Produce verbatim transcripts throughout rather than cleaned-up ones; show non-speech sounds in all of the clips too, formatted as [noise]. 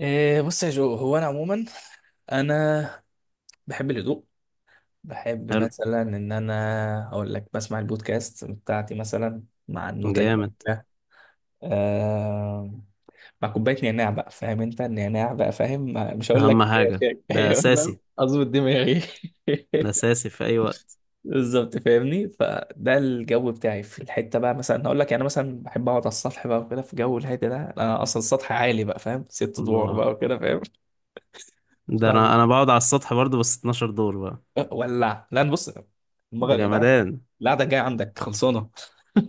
إيه، بص يا جو، هو انا عموما انا بحب الهدوء. بحب حلو. مثلا ان انا اقول لك بسمع البودكاست بتاعتي مثلا مع النوتة جامد. الجميلة آه مع كوباية نعناع بقى. فاهم انت النعناع بقى؟ فاهم. ما- مش هقول اهم لك حاجة شاي. [laughs] ده أيوة، فاهم؟ اساسي. اظبط دماغي. ده [laughs] اساسي في اي وقت. بالظبط، فاهمني؟ فده الجو بتاعي في الحته بقى. مثلا هقول لك، يعني مثلا بحب اقعد على السطح بقى وكده في جو الهادي ده. انا اصلا السطح عالي بقى، فاهم؟ ست ادوار الله. بقى وكده. ده انا فاهم؟ انا بقعد على السطح برضو، بس 12 دور بقى. ولع. لا بص، المره ده القعده جمدان. القعدة الجايه عندك خلصانه.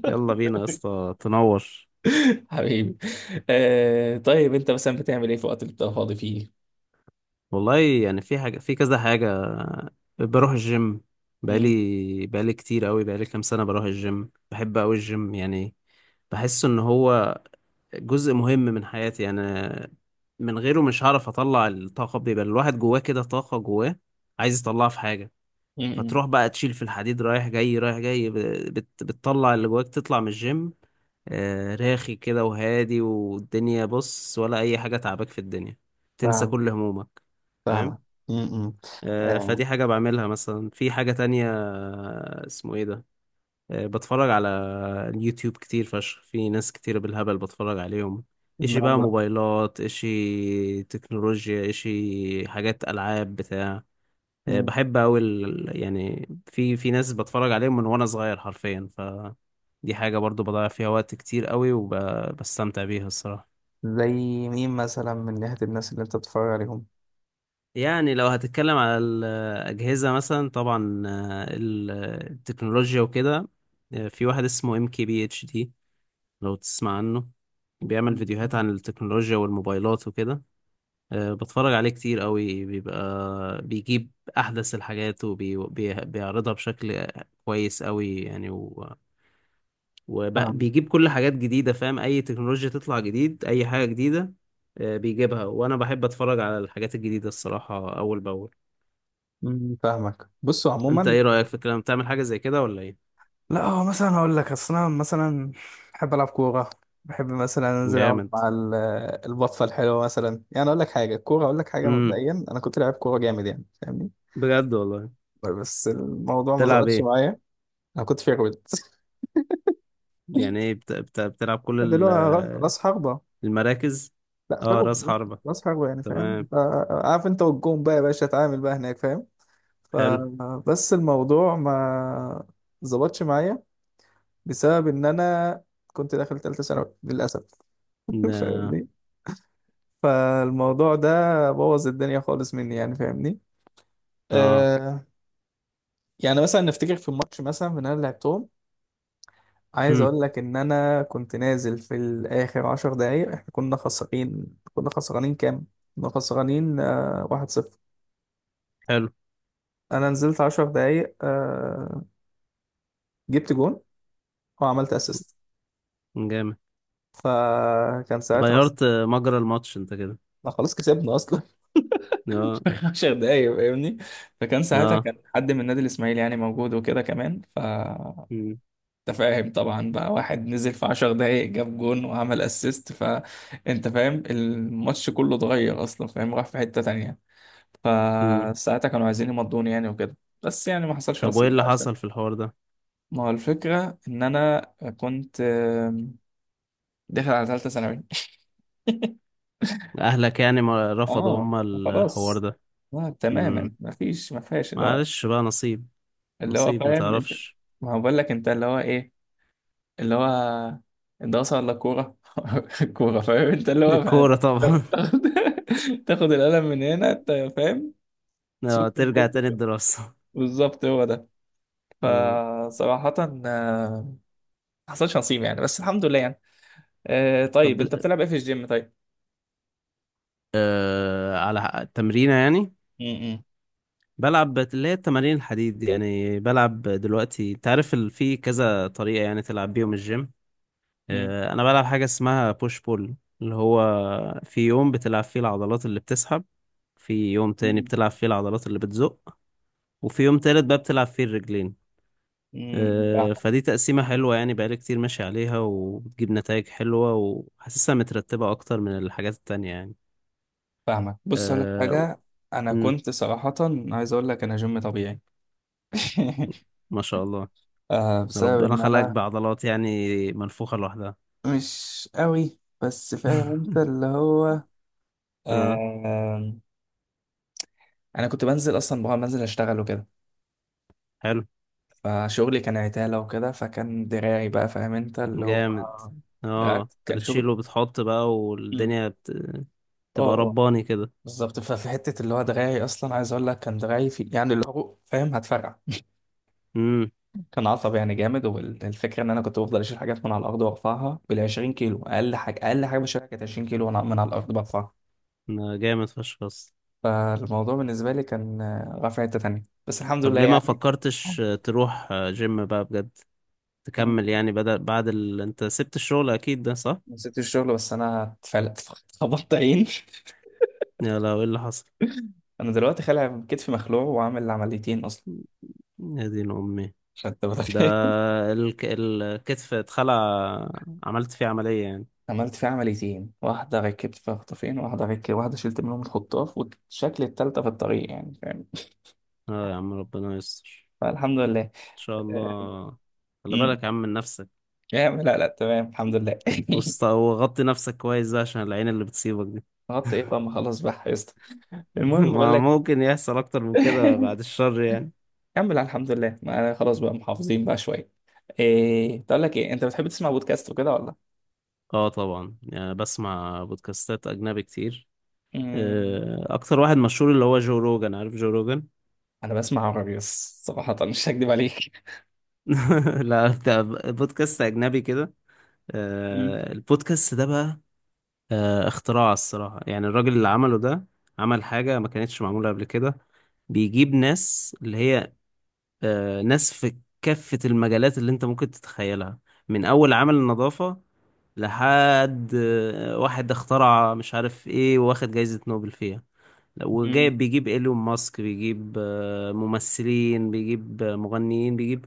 يلا بينا يا اسطى، تنور. [laughs] حبيبي. آه طيب، انت مثلا بتعمل ايه في الوقت اللي بتبقى فاضي فيه؟ والله، يعني في حاجة في كذا حاجة. بروح الجيم. مم. بقالي بقالي كتير قوي، بقالي كام سنة بروح الجيم. بحب قوي الجيم يعني. بحس ان هو جزء مهم من حياتي يعني. من غيره مش هعرف اطلع الطاقة، بيبقى الواحد جواه كده طاقة جواه عايز يطلعها في حاجة. مم. فتروح بقى تشيل في الحديد رايح جاي رايح جاي ب- بت بتطلع اللي جواك، تطلع من الجيم. آه، راخي كده وهادي، والدنيا بص، ولا أي حاجة تعباك في الدنيا. تنسى فاهم. كل همومك. فاهمة. فاهم. م- م. آه، آه، فدي حاجة بعملها، مثلا في حاجة تانية آه، اسمه ايه ده. آه، بتفرج على اليوتيوب كتير فشخ، في ناس كتير بالهبل بتفرج عليهم. اشي إدمان بقى بقى. موبايلات، اشي تكنولوجيا، اشي حاجات ألعاب بتاع. آه، م. بحب أوي ال- يعني في في ناس بتفرج عليهم من وأنا صغير حرفيا. فدي حاجة برضو بضيع فيها وقت كتير أوي وبستمتع بيها الصراحة. زي مين مثلا من ناحية الناس اللي أنت بتتفرج عليهم؟ يعني لو هتتكلم على الأجهزة مثلا، طبعا آه، ال- التكنولوجيا وكده. آه، في واحد اسمه ام كي بي اتش دي، لو تسمع عنه. بيعمل مم. فيديوهات عن التكنولوجيا والموبايلات وكده. آه، بتفرج عليه كتير قوي، بيبقى بيجيب أحدث الحاجات وبيعرضها بشكل كويس قوي يعني. فاهم. وبيجيب كل حاجات جديدة، فاهم، أي تكنولوجيا تطلع جديد، أي حاجة جديدة. آه، بيجيبها، وأنا بحب أتفرج على الحاجات الجديدة الصراحة أول بأول. م- فاهمك. بصوا أنت عموما، إيه رأيك في الكلام، بتعمل حاجة زي كده ولا إيه؟ لا، هو مثلا هقول لك، اصل انا مثلا بحب العب كوره. بحب مثلا انزل اقعد جامد. مع ال- البطفه الحلوه مثلا. يعني اقول لك حاجه، الكوره اقول لك حاجه، امم. مبدئيا انا كنت لاعب كوره جامد يعني، فاهمني؟ بجد والله. بس الموضوع ما بتلعب ظبطش إيه؟ معايا. انا كنت فيرويد. يعني إيه بت... بت... بتلعب كل [laughs] ال- دلوقتي راس آه، راس حربه. المراكز؟ لا، أه، فيرويد، رأس راس حربة. راس حربه يعني، فاهم؟ تمام. ف- عارف انت، والجون بقى يا باشا اتعامل بقى هناك، فاهم؟ حلو. فبس الموضوع ما ظبطش معايا بسبب ان انا كنت داخل ثالثه ثانوي للاسف. ده [laughs] فاهمني؟ فالموضوع ده بوظ الدنيا خالص مني يعني، فاهمني؟ أه. آه يعني مثلا نفتكر في الماتش مثلا من اللي لعبتهم، عايز امم. اقول لك ان انا كنت نازل في الاخر عشر دقايق، احنا كنا خسرانين. كنا خسرانين كام؟ كنا خسرانين آه واحد صفر. حلو. انا نزلت عشر دقايق، آه جبت جون وعملت اسيست. جامد. فكان ساعتها اصلا، غيرت آه، مجرى الماتش أنت كده. لا خلاص كسبنا اصلا. [laughs] أه. في عشر دقايق، فاهمني؟ فكان ساعتها أه. كان حد من نادي الاسماعيلي يعني موجود وكده كمان. ف امم. انت فاهم طبعا بقى، واحد نزل في عشر دقايق جاب جون وعمل اسيست، فانت فاهم الماتش كله اتغير اصلا، فاهم؟ راح في حتة تانية. امم. فساعتها كانوا عايزين يمضوني يعني وكده، بس يعني ما حصلش طب وإيه نصيب اللي بقى عشان، حصل في الحوار ده؟ ما هو الفكرة ان انا كنت آم، داخل على ثالثة ثانوي. اهلك يعني ما رفضوا اه، هما الحوار خلاص. ده. اه مم. تماما، ما فيش ما فيهاش اللي هو، معلش بقى، نصيب. اللي هو نصيب ما فاهم انت، تعرفش. ما هو بقول لك انت اللي هو ايه، اللي هو الدراسة ولا الكورة؟ الكورة. [laughs] فاهم انت اللي [laughs] هو بقى الكورة طبعا. تاخد، [laughs] تاخد القلم من هنا انت، فاهم؟ [laughs] آه، سكت بكت ترجع تاني بقى. الدراسة. بالظبط، هو ده. [laughs] آه. فصراحة آه، ما حصلش نصيب يعني، بس الحمد لله يعني. آه، طب طيب، انت بتلعب ايه في الجيم طيب؟ آه على حق- التمرينة يعني. امم. بلعب بت- اللي هي التمارين الحديد دي، يعني بلعب دلوقتي. انت عارف ال- في كذا طريقة يعني تلعب بيهم الجيم. امم. آه انا بلعب حاجة اسمها بوش بول، اللي هو في يوم بتلعب فيه العضلات اللي بتسحب، في يوم تاني امم. بتلعب فيه العضلات اللي بتزق، وفي يوم تالت بقى بتلعب فيه الرجلين. امم آه، فاهمك. فدي تقسيمة حلوة يعني، بقالي كتير ماشي عليها، وبتجيب نتائج حلوة، وحاسسها مترتبة أكتر من الحاجات التانية يعني. فاهمك، بص اقول لك أه. حاجة، انا مم. كنت صراحة، عايز اقول لك انا جيم طبيعي. [laughs] ما شاء الله. آه بسبب ربنا ان خلقك انا بعضلات يعني منفوخة لوحدها. مش قوي بس، فاهم انت [laughs] اللي هو؟ اه. آه، انا كنت بنزل اصلا بقى، بنزل اشتغل وكده، حلو. فشغلي كان عتالة وكده، فكان دراعي بقى فاهم انت اللي هو، جامد. اه، دراعي انت كان شغل. بتشيل وبتحط بقى، مم. والدنيا بت... اه تبقى اه، رباني كده. بالظبط. ففي حتة اللي هو دراعي، اصلا عايز اقول لك كان دراعي في يعني اللي هو، فاهم؟ هتفرقع. امم. كان عصب يعني جامد. والفكرة ان انا كنت بفضل اشيل حاجات من على الارض وارفعها بال عشرين كيلو. اقل حاجة اقل حاجة بشيلها كانت عشرين كيلو وانا من على الارض برفعها. ما جامد فشخ بس. فالموضوع بالنسبة لي كان، آه، رافع حتة تانية بس، الحمد طب لله ليه ما يعني. فكرتش تروح جيم بقى بجد، تكمل يعني، بدل بعد ال... انت سبت الشغل اكيد ده صح. نسيت الشغل بس انا اتفلت. [laughs] خبطت عين. يا، لو ايه اللي حصل. انا دلوقتي خالع كتفي، مخلوع، وعامل عمليتين اصلا يا دين امي. عشان انت ده متخيل. [laughs] الك... الكتف اتخلع، عملت فيه عملية يعني. عملت فيه عمليتين، واحده ركبت فيها خطافين، واحده ركبت، واحده شلت منهم الخطاف، والشكل التالتة في الطريق يعني، فاهم؟ اه يا عم، ربنا يستر. فالحمد لله. ان شاء آه، الله. خلي أمم. بالك يا عم من نفسك. يا عم، لا لا، تمام الحمد لله. [laughs] وست- وغطي نفسك كويس بقى عشان العين اللي بتصيبك دي. خبطت ايه بقى، ما خلاص بقى حفظت. [laughs] المهم بقول ما لك، ممكن يحصل اكتر من كده، بعد [laughs] الشر يعني. كمل على الحمد لله. ما أنا خلاص بقى محافظين بقى شويه. ايه، تقول لك ايه، انت بتحب تسمع بودكاست وكده ولا؟ اه طبعا، يعني بسمع بودكاستات اجنبي كتير. أمم. آه، اكتر واحد مشهور اللي هو جو روجان، عارف جو روجان. انا بسمع عربي بس صراحة، [laughs] مش هكدب عليك. [laughs] لا، بتاع بودكاست اجنبي كده. مم. آه، البودكاست ده بقى آه، اختراع الصراحة يعني. الراجل اللي عمله ده عمل حاجة ما كانتش معمولة قبل كده. بيجيب ناس اللي هي آه، ناس في كافة المجالات اللي انت ممكن تتخيلها، من أول عمل النظافة لحد آه، واحد اخترع مش عارف ايه واخد جايزة نوبل فيها. مم. وجايب بيجيب ايلون ماسك، بيجيب آه، ممثلين، بيجيب آه، مغنيين، بيجيب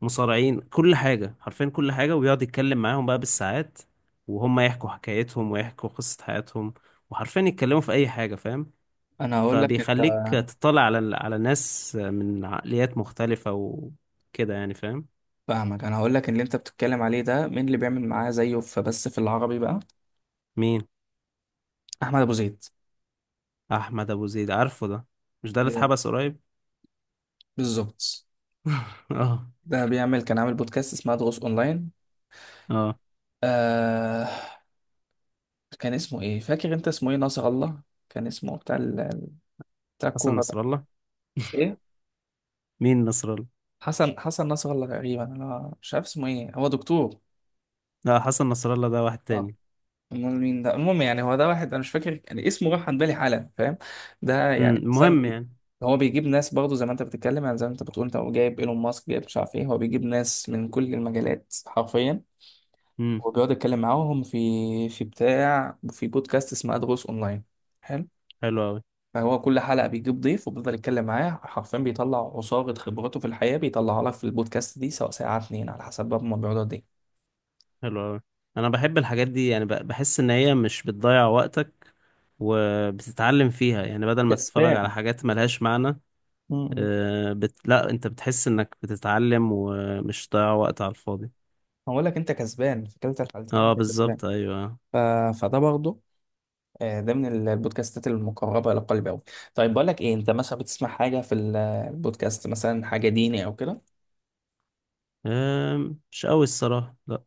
مصارعين، كل حاجة حرفيا، كل حاجة. ويقعد يتكلم معاهم بقى بالساعات، وهم يحكوا حكايتهم ويحكوا قصة حياتهم، وحرفيا يتكلموا في أي حاجة، فاهم. انا هقول لك انت، فبيخليك تطلع على على ناس من عقليات مختلفة وكده يعني، فاهم. فاهمك، انا هقول لك، اللي انت بتتكلم عليه ده، مين اللي بيعمل معاه زيه فبس في العربي بقى؟ مين؟ احمد ابو زيد. أحمد أبو زيد، عارفه ده. مش ده اللي بي- اتحبس قريب؟ بالظبط. [laughs] اه. ده بيعمل، كان عامل بودكاست اسمها دروس اونلاين. اه، آه كان اسمه ايه، فاكر انت اسمه ايه؟ ناصر الله. كان اسمه بتاع ال... بتاع حسن الكورة نصر ده. الله. ايه، مين نصر الله؟ حسن حسن ناصر الله تقريبا، انا مش عارف اسمه ايه، هو دكتور. لا، حسن نصر الله ده واحد اه. تاني. امال مين ده؟ المهم يعني، هو ده واحد، انا مش فاكر يعني، اسمه راح عن بالي حالا، فاهم؟ ده أمم، يعني انسان، المهم بي- يعني. هو بيجيب ناس برضه زي ما انت بتتكلم، يعني زي ما انت بتقول انت، هو جايب ايلون ماسك، جايب مش عارف ايه، هو بيجيب ناس من كل المجالات حرفيا، امم. وبيقعد يتكلم معاهم في في بتاع في بودكاست اسمه ادغوس اونلاين. حلو. حلو أوي. فهو كل حلقه بيجيب ضيف وبيفضل يتكلم معاه حرفيا، بيطلع عصاره خبراته في الحياه، بيطلعها لك في البودكاست دي، سواء ساعه اتنين على حسب بقى هما بيقعدوا قد ايه. حلو أوي، أنا بحب الحاجات دي يعني. ب- بحس إن هي مش بتضيع وقتك وبتتعلم فيها يعني، بدل ما تتفرج على كسبان. حاجات ملهاش معنى. م- م. آه، بت... لا، أنت بتحس إنك بتتعلم، ومش ضيع وقت على الفاضي. هقول لك انت كسبان، في كلتا الحالتين اه انت كسبان. بالظبط، أيوه. ف... فده برضه، آه، ده من ال- البودكاستات المقربة إلى قلبي أوي. طيب، بقول لك إيه، أنت مثلا بتسمع حاجة في ال- البودكاست مثلا حاجة ديني أو كده؟ آم، مش أوي الصراحة، لا.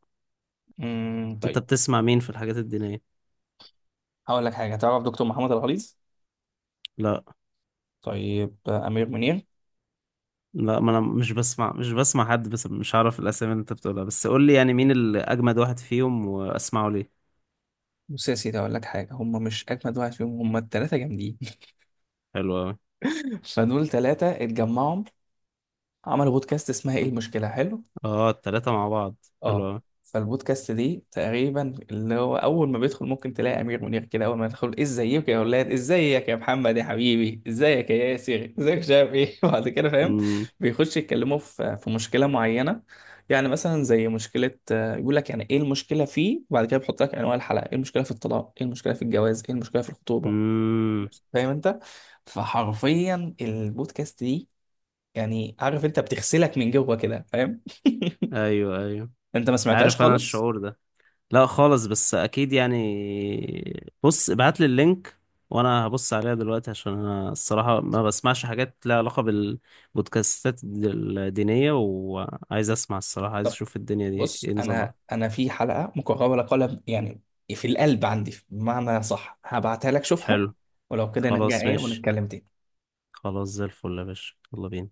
امم أنت طيب. بتسمع مين في الحاجات الدينية؟ هقول لك حاجة، تعرف دكتور محمد الغليظ؟ لا طيب، آه، أمير منير؟ لا، ما أنا مش بسمع مش بسمع حد، بس مش عارف الأسامي اللي أنت بتقولها. بس قول لي يعني مين الأجمد واحد فيهم وأسمعه ليه. بص يا سيدي، هقول لك حاجة، هم مش أجمد واحد فيهم، هم التلاتة جامدين. حلو أوي. [laughs] فدول تلاتة اتجمعوا عملوا بودكاست اسمها إيه المشكلة، حلو. اه، التلاتة مع بعض. اه. حلو فالبودكاست دي تقريبا اللي هو، اول ما بيدخل ممكن تلاقي امير منير كده، اول ما يدخل: ازيك يا اولاد، ازيك يا محمد يا حبيبي، ازيك يا ياسر، ازيك مش عارف ايه. [laughs] وبعد كده، فاهم، أوي. بيخش يتكلموا في في مشكله معينه. يعني مثلا زي مشكله، آه، يقول لك يعني ايه المشكله فيه، وبعد كده بيحط لك انواع الحلقه: ايه المشكله في الطلاق، ايه المشكله في الجواز، ايه المشكله في الخطوبه. امم. فاهم انت؟ فحرفيا البودكاست دي، يعني عارف انت، بتغسلك من جوه كده، فاهم؟ ايوه، ايوه. [laughs] انت ما سمعتهاش عارف انا خالص؟ الشعور ده. لا خالص، بس اكيد يعني، بص ابعت لي اللينك وانا هبص عليها دلوقتي، عشان انا الصراحه ما بسمعش حاجات لها علاقه بالبودكاستات الدينيه، وعايز اسمع الصراحه، عايز اشوف الدنيا دي بص، ايه انا نظامها. انا في حلقه مكرره قلم يعني، في القلب عندي بمعنى صح، هبعتها لك شوفها. حلو. ولو كده نرجع خلاص ايه ماشي. ونتكلم تاني. خلاص، زي الفل يا باشا، يلا بينا.